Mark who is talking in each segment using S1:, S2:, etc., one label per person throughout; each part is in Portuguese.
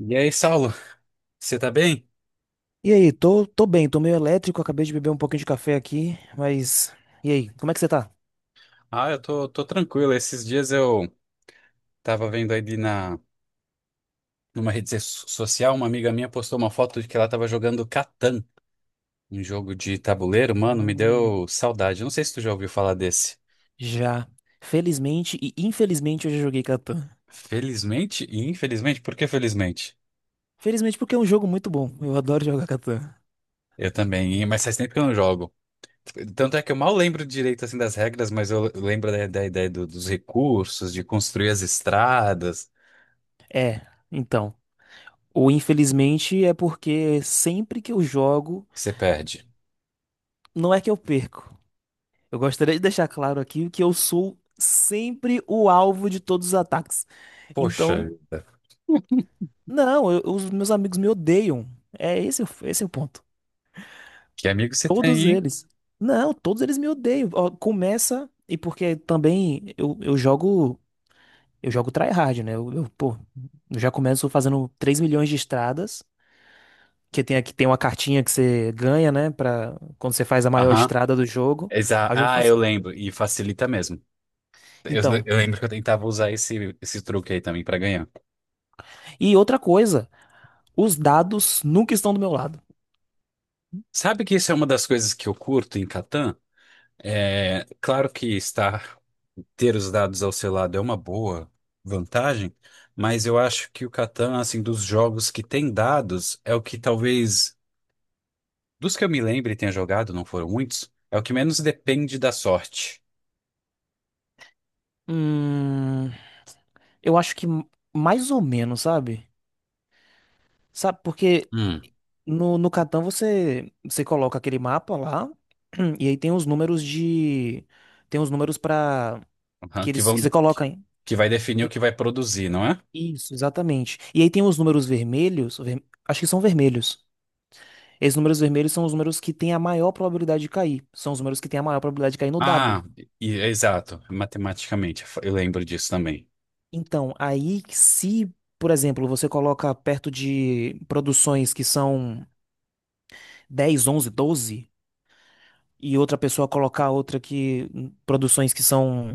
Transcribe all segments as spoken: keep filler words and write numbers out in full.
S1: E aí, Saulo, você tá bem?
S2: E aí, tô, tô bem, tô meio elétrico, acabei de beber um pouquinho de café aqui, mas. E aí, como é que você tá?
S1: Ah, eu tô, tô tranquilo. Esses dias eu tava vendo aí na, numa rede so- social, uma amiga minha postou uma foto de que ela tava jogando Catan, um jogo de tabuleiro. Mano, me
S2: Hum.
S1: deu saudade. Não sei se tu já ouviu falar desse.
S2: Já. Felizmente e infelizmente eu já joguei Catan.
S1: Felizmente e infelizmente, por que felizmente?
S2: Felizmente porque é um jogo muito bom, eu adoro jogar Catan.
S1: Eu também, e- mas faz tempo que eu não jogo. Tanto é que eu mal lembro direito assim das regras, mas eu lembro da, da ideia do- dos recursos, de construir as estradas.
S2: É, então. O infelizmente é porque sempre que eu jogo,
S1: Você perde.
S2: não é que eu perco. Eu gostaria de deixar claro aqui que eu sou sempre o alvo de todos os ataques.
S1: Poxa
S2: Então,
S1: vida.
S2: não, eu- os meus amigos me odeiam. É esse, o- esse é o ponto.
S1: Que amigo você
S2: Todos
S1: tem, hein?
S2: eles. Não, todos eles me odeiam. Ó, começa, e porque também eu, eu jogo, eu jogo tryhard, né? Eu, eu, pô, eu já começo fazendo três milhões de estradas, que tem aqui tem uma cartinha que você ganha, né, para quando você faz a maior
S1: Aham.
S2: estrada do jogo.
S1: Exa
S2: Aí eu
S1: ah,
S2: faço.
S1: eu lembro. E facilita mesmo. Eu,
S2: Então,
S1: eu lembro que eu tentava usar esse, esse truque aí também pra ganhar.
S2: e outra coisa, os dados nunca estão do meu lado.
S1: Sabe que isso é uma das coisas que eu curto em Catan? É, claro que estar, ter os dados ao seu lado é uma boa vantagem, mas eu acho que o Catan, assim, dos jogos que tem dados, é o que talvez. Dos que eu me lembre e tenha jogado, não foram muitos, é o que menos depende da sorte.
S2: Hum, eu acho que m- mais ou menos, sabe? Sabe, porque
S1: Hum.
S2: no, no Catan você, você coloca aquele mapa lá, e aí tem os números de. Tem os números pra.
S1: Aham,
S2: Que
S1: que
S2: eles
S1: vão,
S2: que você coloca, hein?
S1: que vai definir o que vai produzir, não é?
S2: Isso, exatamente. E aí tem os números vermelhos, ver- acho que são vermelhos. Esses números vermelhos são os números que têm a maior probabilidade de cair. São os números que têm a maior probabilidade de cair no dado.
S1: Ah, e- exato, matematicamente, eu lembro disso também.
S2: Então, aí se, por exemplo, você coloca perto de produções que são dez, onze, doze, e outra pessoa colocar outra que produções que são.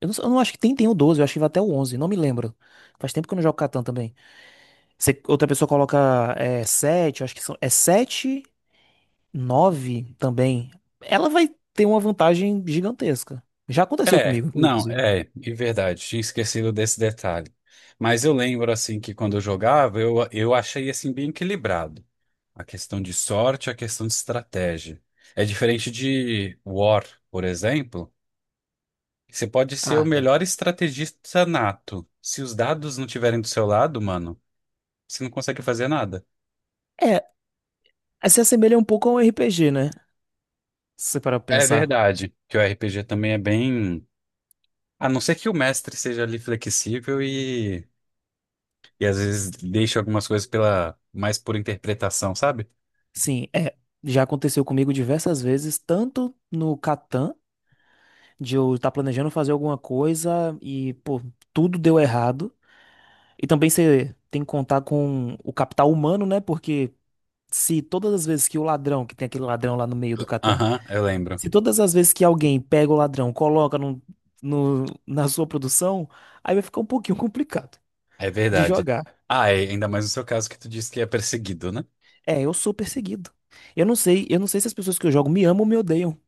S2: Eu não, eu não acho que tem, tem o doze, eu acho que vai até o onze, não me lembro. Faz tempo que eu não jogo Catan também. Se outra pessoa coloca é, sete, eu acho que são, é sete nove também, ela vai ter uma vantagem gigantesca. Já aconteceu
S1: É,
S2: comigo,
S1: não,
S2: inclusive.
S1: é, é verdade, tinha esquecido desse detalhe. Mas eu lembro, assim, que quando eu jogava, eu, eu achei, assim, bem equilibrado. A questão de sorte, a questão de estratégia. É diferente de War, por exemplo. Você pode ser o
S2: Ah, é.
S1: melhor estrategista nato. Se os dados não tiverem do seu lado, mano, você não consegue fazer nada.
S2: É, se assemelha um pouco a um R P G, né? Se você parar pra
S1: É
S2: pensar.
S1: verdade que o R P G também é bem. A não ser que o mestre seja ali flexível e, e às vezes deixe algumas coisas pela mais por interpretação, sabe?
S2: Sim, é. Já aconteceu comigo diversas vezes, tanto no Catan, de eu estar planejando fazer alguma coisa e, pô, tudo deu errado. E também você tem que contar com o capital humano, né? Porque se todas as vezes que o ladrão, que tem aquele ladrão lá no meio do Catan,
S1: Aham, eu lembro.
S2: se todas as vezes que alguém pega o ladrão, coloca no, no- na sua produção, aí vai ficar um pouquinho complicado
S1: É
S2: de
S1: verdade.
S2: jogar.
S1: Ah, é, ainda mais no seu caso que tu disse que é perseguido, né?
S2: É, eu sou perseguido. Eu não sei, eu não sei se as pessoas que eu jogo me amam ou me odeiam,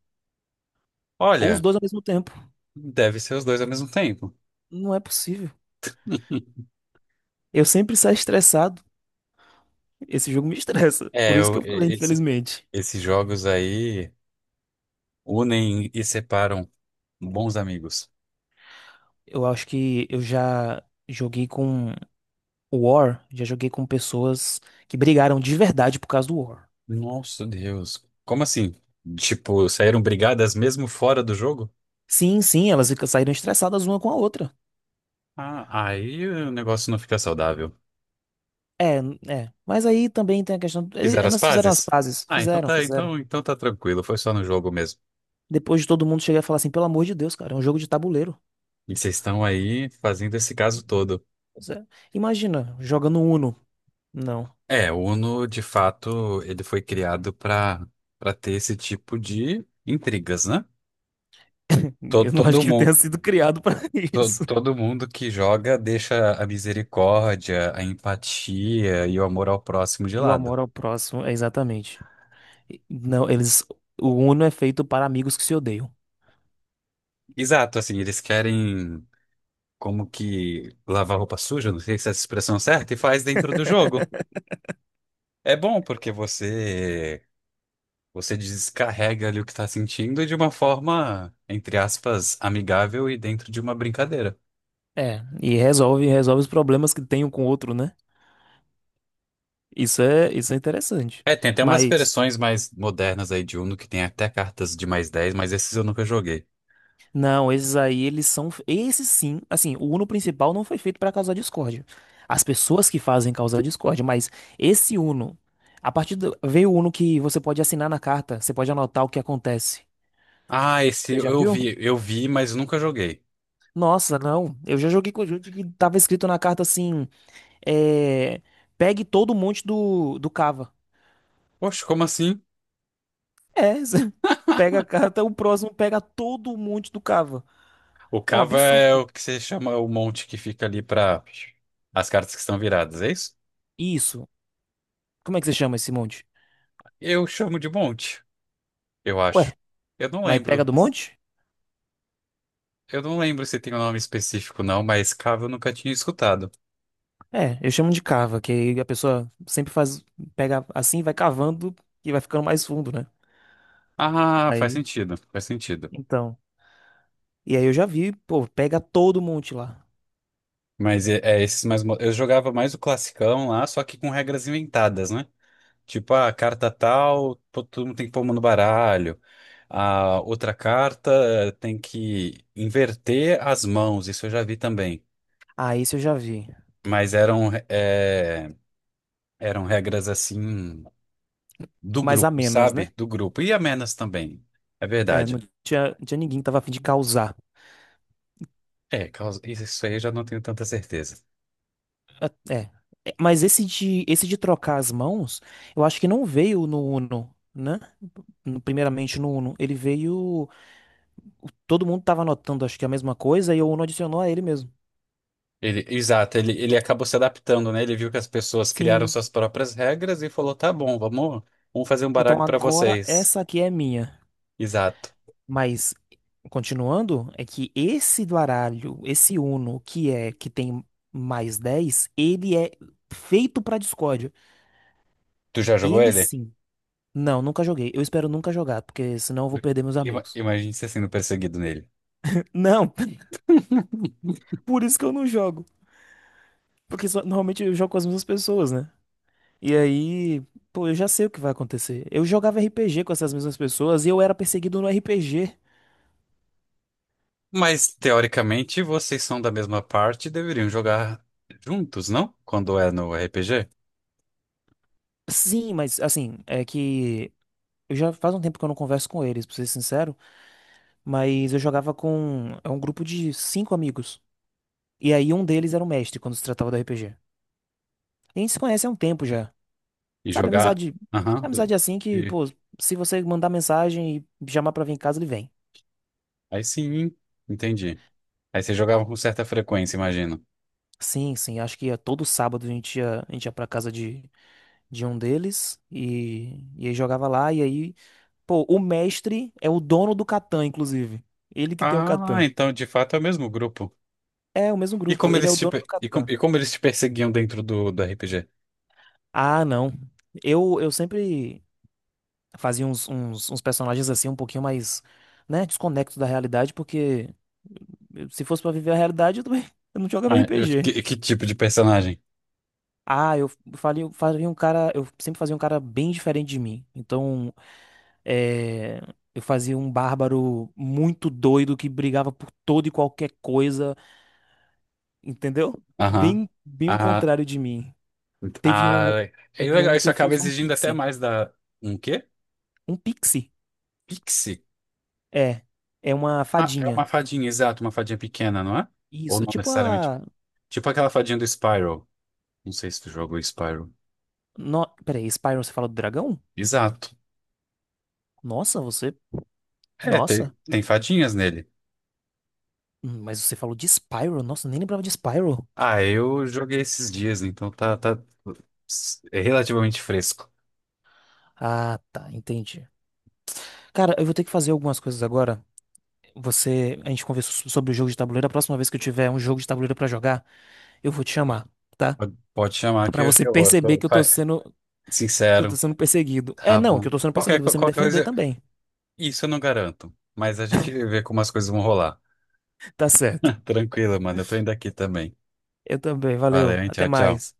S2: ou os
S1: Olha,
S2: dois ao mesmo tempo.
S1: deve ser os dois ao mesmo tempo.
S2: Não é possível. Eu sempre saio estressado. Esse jogo me estressa. Por
S1: É,
S2: isso
S1: eu,
S2: que eu falei,
S1: e- esse-
S2: infelizmente.
S1: esses jogos aí. Unem e separam bons amigos.
S2: Eu acho que eu já joguei com War, já joguei com pessoas que brigaram de verdade por causa do War.
S1: Nossa Deus. Como assim? Tipo, saíram brigadas mesmo fora do jogo?
S2: Sim, sim, elas fica- saíram estressadas uma com a outra.
S1: Ah, aí o negócio não fica saudável.
S2: É, é. Mas aí também tem a questão. ele-
S1: Fizeram as
S2: Elas fizeram as
S1: pazes?
S2: pazes.
S1: Ah, então
S2: Fizeram,
S1: tá,
S2: fizeram.
S1: então, então tá tranquilo, foi só no jogo mesmo.
S2: Depois de todo mundo chegar e falar assim, pelo amor de Deus, cara, é um jogo de tabuleiro.
S1: E vocês estão aí fazendo esse caso todo.
S2: Pois é. Imagina, jogando Uno. Não.
S1: É, o Uno, de fato, ele foi criado para para ter esse tipo de intrigas, né? Todo,
S2: Eu não acho
S1: todo
S2: que ele tenha
S1: mundo,
S2: sido criado pra
S1: To-
S2: isso.
S1: Todo mundo que joga deixa a misericórdia, a empatia e o amor ao próximo de
S2: E o
S1: lado.
S2: amor ao próximo, é exatamente. E- Não, eles. O Uno é feito para amigos que se odeiam.
S1: Exato, assim, eles querem como que lavar roupa suja, não sei se é essa expressão certa, e faz dentro do jogo. É bom porque você você descarrega ali o que tá sentindo de uma forma, entre aspas, amigável e dentro de uma brincadeira.
S2: É, e resolve, resolve os problemas que tem um com o outro, né? Isso é, isso é interessante.
S1: É, tem até umas
S2: Mas
S1: versões mais modernas aí de Uno que tem até cartas de mais dez, mas esses eu nunca joguei.
S2: não, esses aí, eles são. Esses sim, assim, o Uno principal não foi feito para causar discórdia. As pessoas que fazem causar discórdia, mas esse Uno, a partir do. Veio o Uno que você pode assinar na carta, você pode anotar o que acontece.
S1: Ah, esse
S2: Você já
S1: eu
S2: viu?
S1: vi, eu vi, mas nunca joguei.
S2: Nossa, não. Eu já joguei com o jogo que tava escrito na carta assim: é, pegue todo o monte do, do cava.
S1: Poxa, como assim?
S2: É, você pega a carta, o próximo pega todo o monte do cava.
S1: O
S2: É um
S1: cava é o
S2: absurdo.
S1: que você chama o monte que fica ali para as cartas que estão viradas, é isso?
S2: Isso. Como é que você chama esse monte?
S1: Eu chamo de monte, eu
S2: Ué,
S1: acho. Eu não
S2: mas pega
S1: lembro.
S2: do monte?
S1: Eu não lembro se tem um nome específico, não, mas cava eu nunca tinha escutado.
S2: É, eu chamo de cava, que aí a pessoa sempre faz, pega assim, vai cavando e vai ficando mais fundo, né?
S1: Ah, faz
S2: Aí,
S1: sentido, faz sentido.
S2: então. E aí eu já vi, pô, pega todo monte lá.
S1: Mas é, é esses mais. mo- Eu jogava mais o classicão lá, só que com regras inventadas, né? Tipo, "Ah, a carta tal, to- todo mundo tem que pôr uma no baralho. A outra carta eh, tem que inverter as mãos, isso eu já vi também.
S2: Ah, isso eu já vi.
S1: Mas eram, é, eram regras assim do
S2: Mas a
S1: grupo,
S2: menos, né?
S1: sabe? Do grupo. E amenas também, é
S2: É, não
S1: verdade.
S2: tinha, não tinha ninguém que tava a fim de causar.
S1: É, causa- isso aí eu já não tenho tanta certeza.
S2: É, é. É, mas esse de, esse de trocar as mãos, eu acho que não veio no Uno, né? No- Primeiramente no Uno. Ele veio. Todo mundo tava anotando, acho que a mesma coisa, e o Uno adicionou a ele mesmo.
S1: Ele, exato, ele, ele acabou se adaptando, né? Ele viu que as pessoas criaram
S2: Sim.
S1: suas próprias regras e falou: tá bom, vamos, vamos fazer um baralho
S2: Então
S1: pra
S2: agora
S1: vocês.
S2: essa aqui é minha.
S1: Exato.
S2: Mas, continuando, é que esse do baralho, esse Uno, que é que tem mais dez, ele é feito pra discórdia.
S1: Tu já jogou
S2: Ele
S1: ele?
S2: sim. Não, nunca joguei. Eu espero nunca jogar, porque senão eu vou perder meus
S1: Ima-
S2: amigos.
S1: Imagine você sendo perseguido nele.
S2: Não, por isso que eu não jogo. Porque só- normalmente eu jogo com as mesmas pessoas, né? E aí, pô, eu já sei o que vai acontecer. Eu jogava R P G com essas mesmas pessoas e eu era perseguido no R P G.
S1: Mas, teoricamente, vocês são da mesma parte e deveriam jogar juntos, não? Quando é no R P G?
S2: Sim, mas assim, é que eu já faz um tempo que eu não converso com eles, pra ser sincero. Mas eu jogava com é um grupo de cinco amigos. E aí um deles era o mestre quando se tratava do R P G. E a gente se conhece há um tempo já.
S1: E
S2: Sabe,
S1: jogar.
S2: amizade.
S1: Aham.
S2: Amizade assim que,
S1: E-
S2: pô, se você mandar mensagem e chamar pra vir em casa, ele vem.
S1: Aí sim, entendi. Aí vocês jogavam com certa frequência, imagino.
S2: Sim, sim, acho que ia todo sábado a gente ia, a gente ia pra casa de, de um deles e, e aí jogava lá. E aí, pô, o mestre é o dono do Catan, inclusive. Ele que tem o
S1: Ah,
S2: Catan.
S1: então de fato é o mesmo grupo.
S2: É, o mesmo
S1: E
S2: grupo,
S1: como
S2: ele é
S1: eles
S2: o
S1: te,
S2: dono do
S1: per- e com-
S2: Catan.
S1: e como eles te perseguiam dentro do, do R P G?
S2: Ah, não. Eu, eu sempre. Fazia uns, uns, uns personagens assim um pouquinho mais, né, desconectos da realidade, porque eu- se fosse pra viver a realidade, eu também eu não jogava
S1: Ah, eu-
S2: R P G.
S1: que, que tipo de personagem?
S2: Ah, eu faria, faria um cara, eu sempre fazia um cara bem diferente de mim. Então, é, eu fazia um bárbaro muito doido que brigava por todo e qualquer coisa, entendeu?
S1: Aham.
S2: Bem, bem o
S1: Ah,
S2: contrário de mim. Teve um,
S1: ah, é
S2: teve
S1: legal,
S2: um que
S1: isso
S2: eu
S1: acaba
S2: fiz um
S1: exigindo até
S2: pixie.
S1: mais da. Um quê?
S2: Um pixie?
S1: Pixie?
S2: É. É uma
S1: Ah, é uma
S2: fadinha.
S1: fadinha, exato, uma fadinha pequena, não é? Ou
S2: Isso.
S1: não
S2: Tipo
S1: necessariamente.
S2: a.
S1: Tipo aquela fadinha do Spyro. Não sei se tu jogou Spyro.
S2: No. Peraí, Spyro você fala do dragão?
S1: Exato.
S2: Nossa, você.
S1: É, tem,
S2: Nossa.
S1: tem fadinhas nele.
S2: Hum, Mas você falou de Spyro? Nossa, eu nem lembrava de Spyro.
S1: Ah, eu joguei esses dias, então tá, tá s- é relativamente fresco.
S2: Ah, tá, entendi. Cara, eu vou ter que fazer algumas coisas agora. Você. A gente conversou so- sobre o jogo de tabuleiro. A próxima vez que eu tiver um jogo de tabuleiro pra jogar, eu vou te chamar, tá?
S1: Pode pode chamar que
S2: Pra
S1: eu, que
S2: você
S1: eu eu
S2: perceber
S1: tô
S2: que eu tô
S1: fa-
S2: sendo. Que eu tô
S1: sincero.
S2: sendo perseguido. É,
S1: Tá
S2: não, que
S1: bom.
S2: eu tô sendo
S1: Qualquer,
S2: perseguido.
S1: co-
S2: Você me
S1: qualquer
S2: defender
S1: coisa,
S2: também.
S1: isso eu não garanto. Mas a gente vê como as coisas vão rolar.
S2: Tá certo.
S1: Tranquilo, mano. Eu tô indo aqui também.
S2: Eu também,
S1: Valeu,
S2: valeu.
S1: hein?
S2: Até
S1: Tchau, tchau.
S2: mais.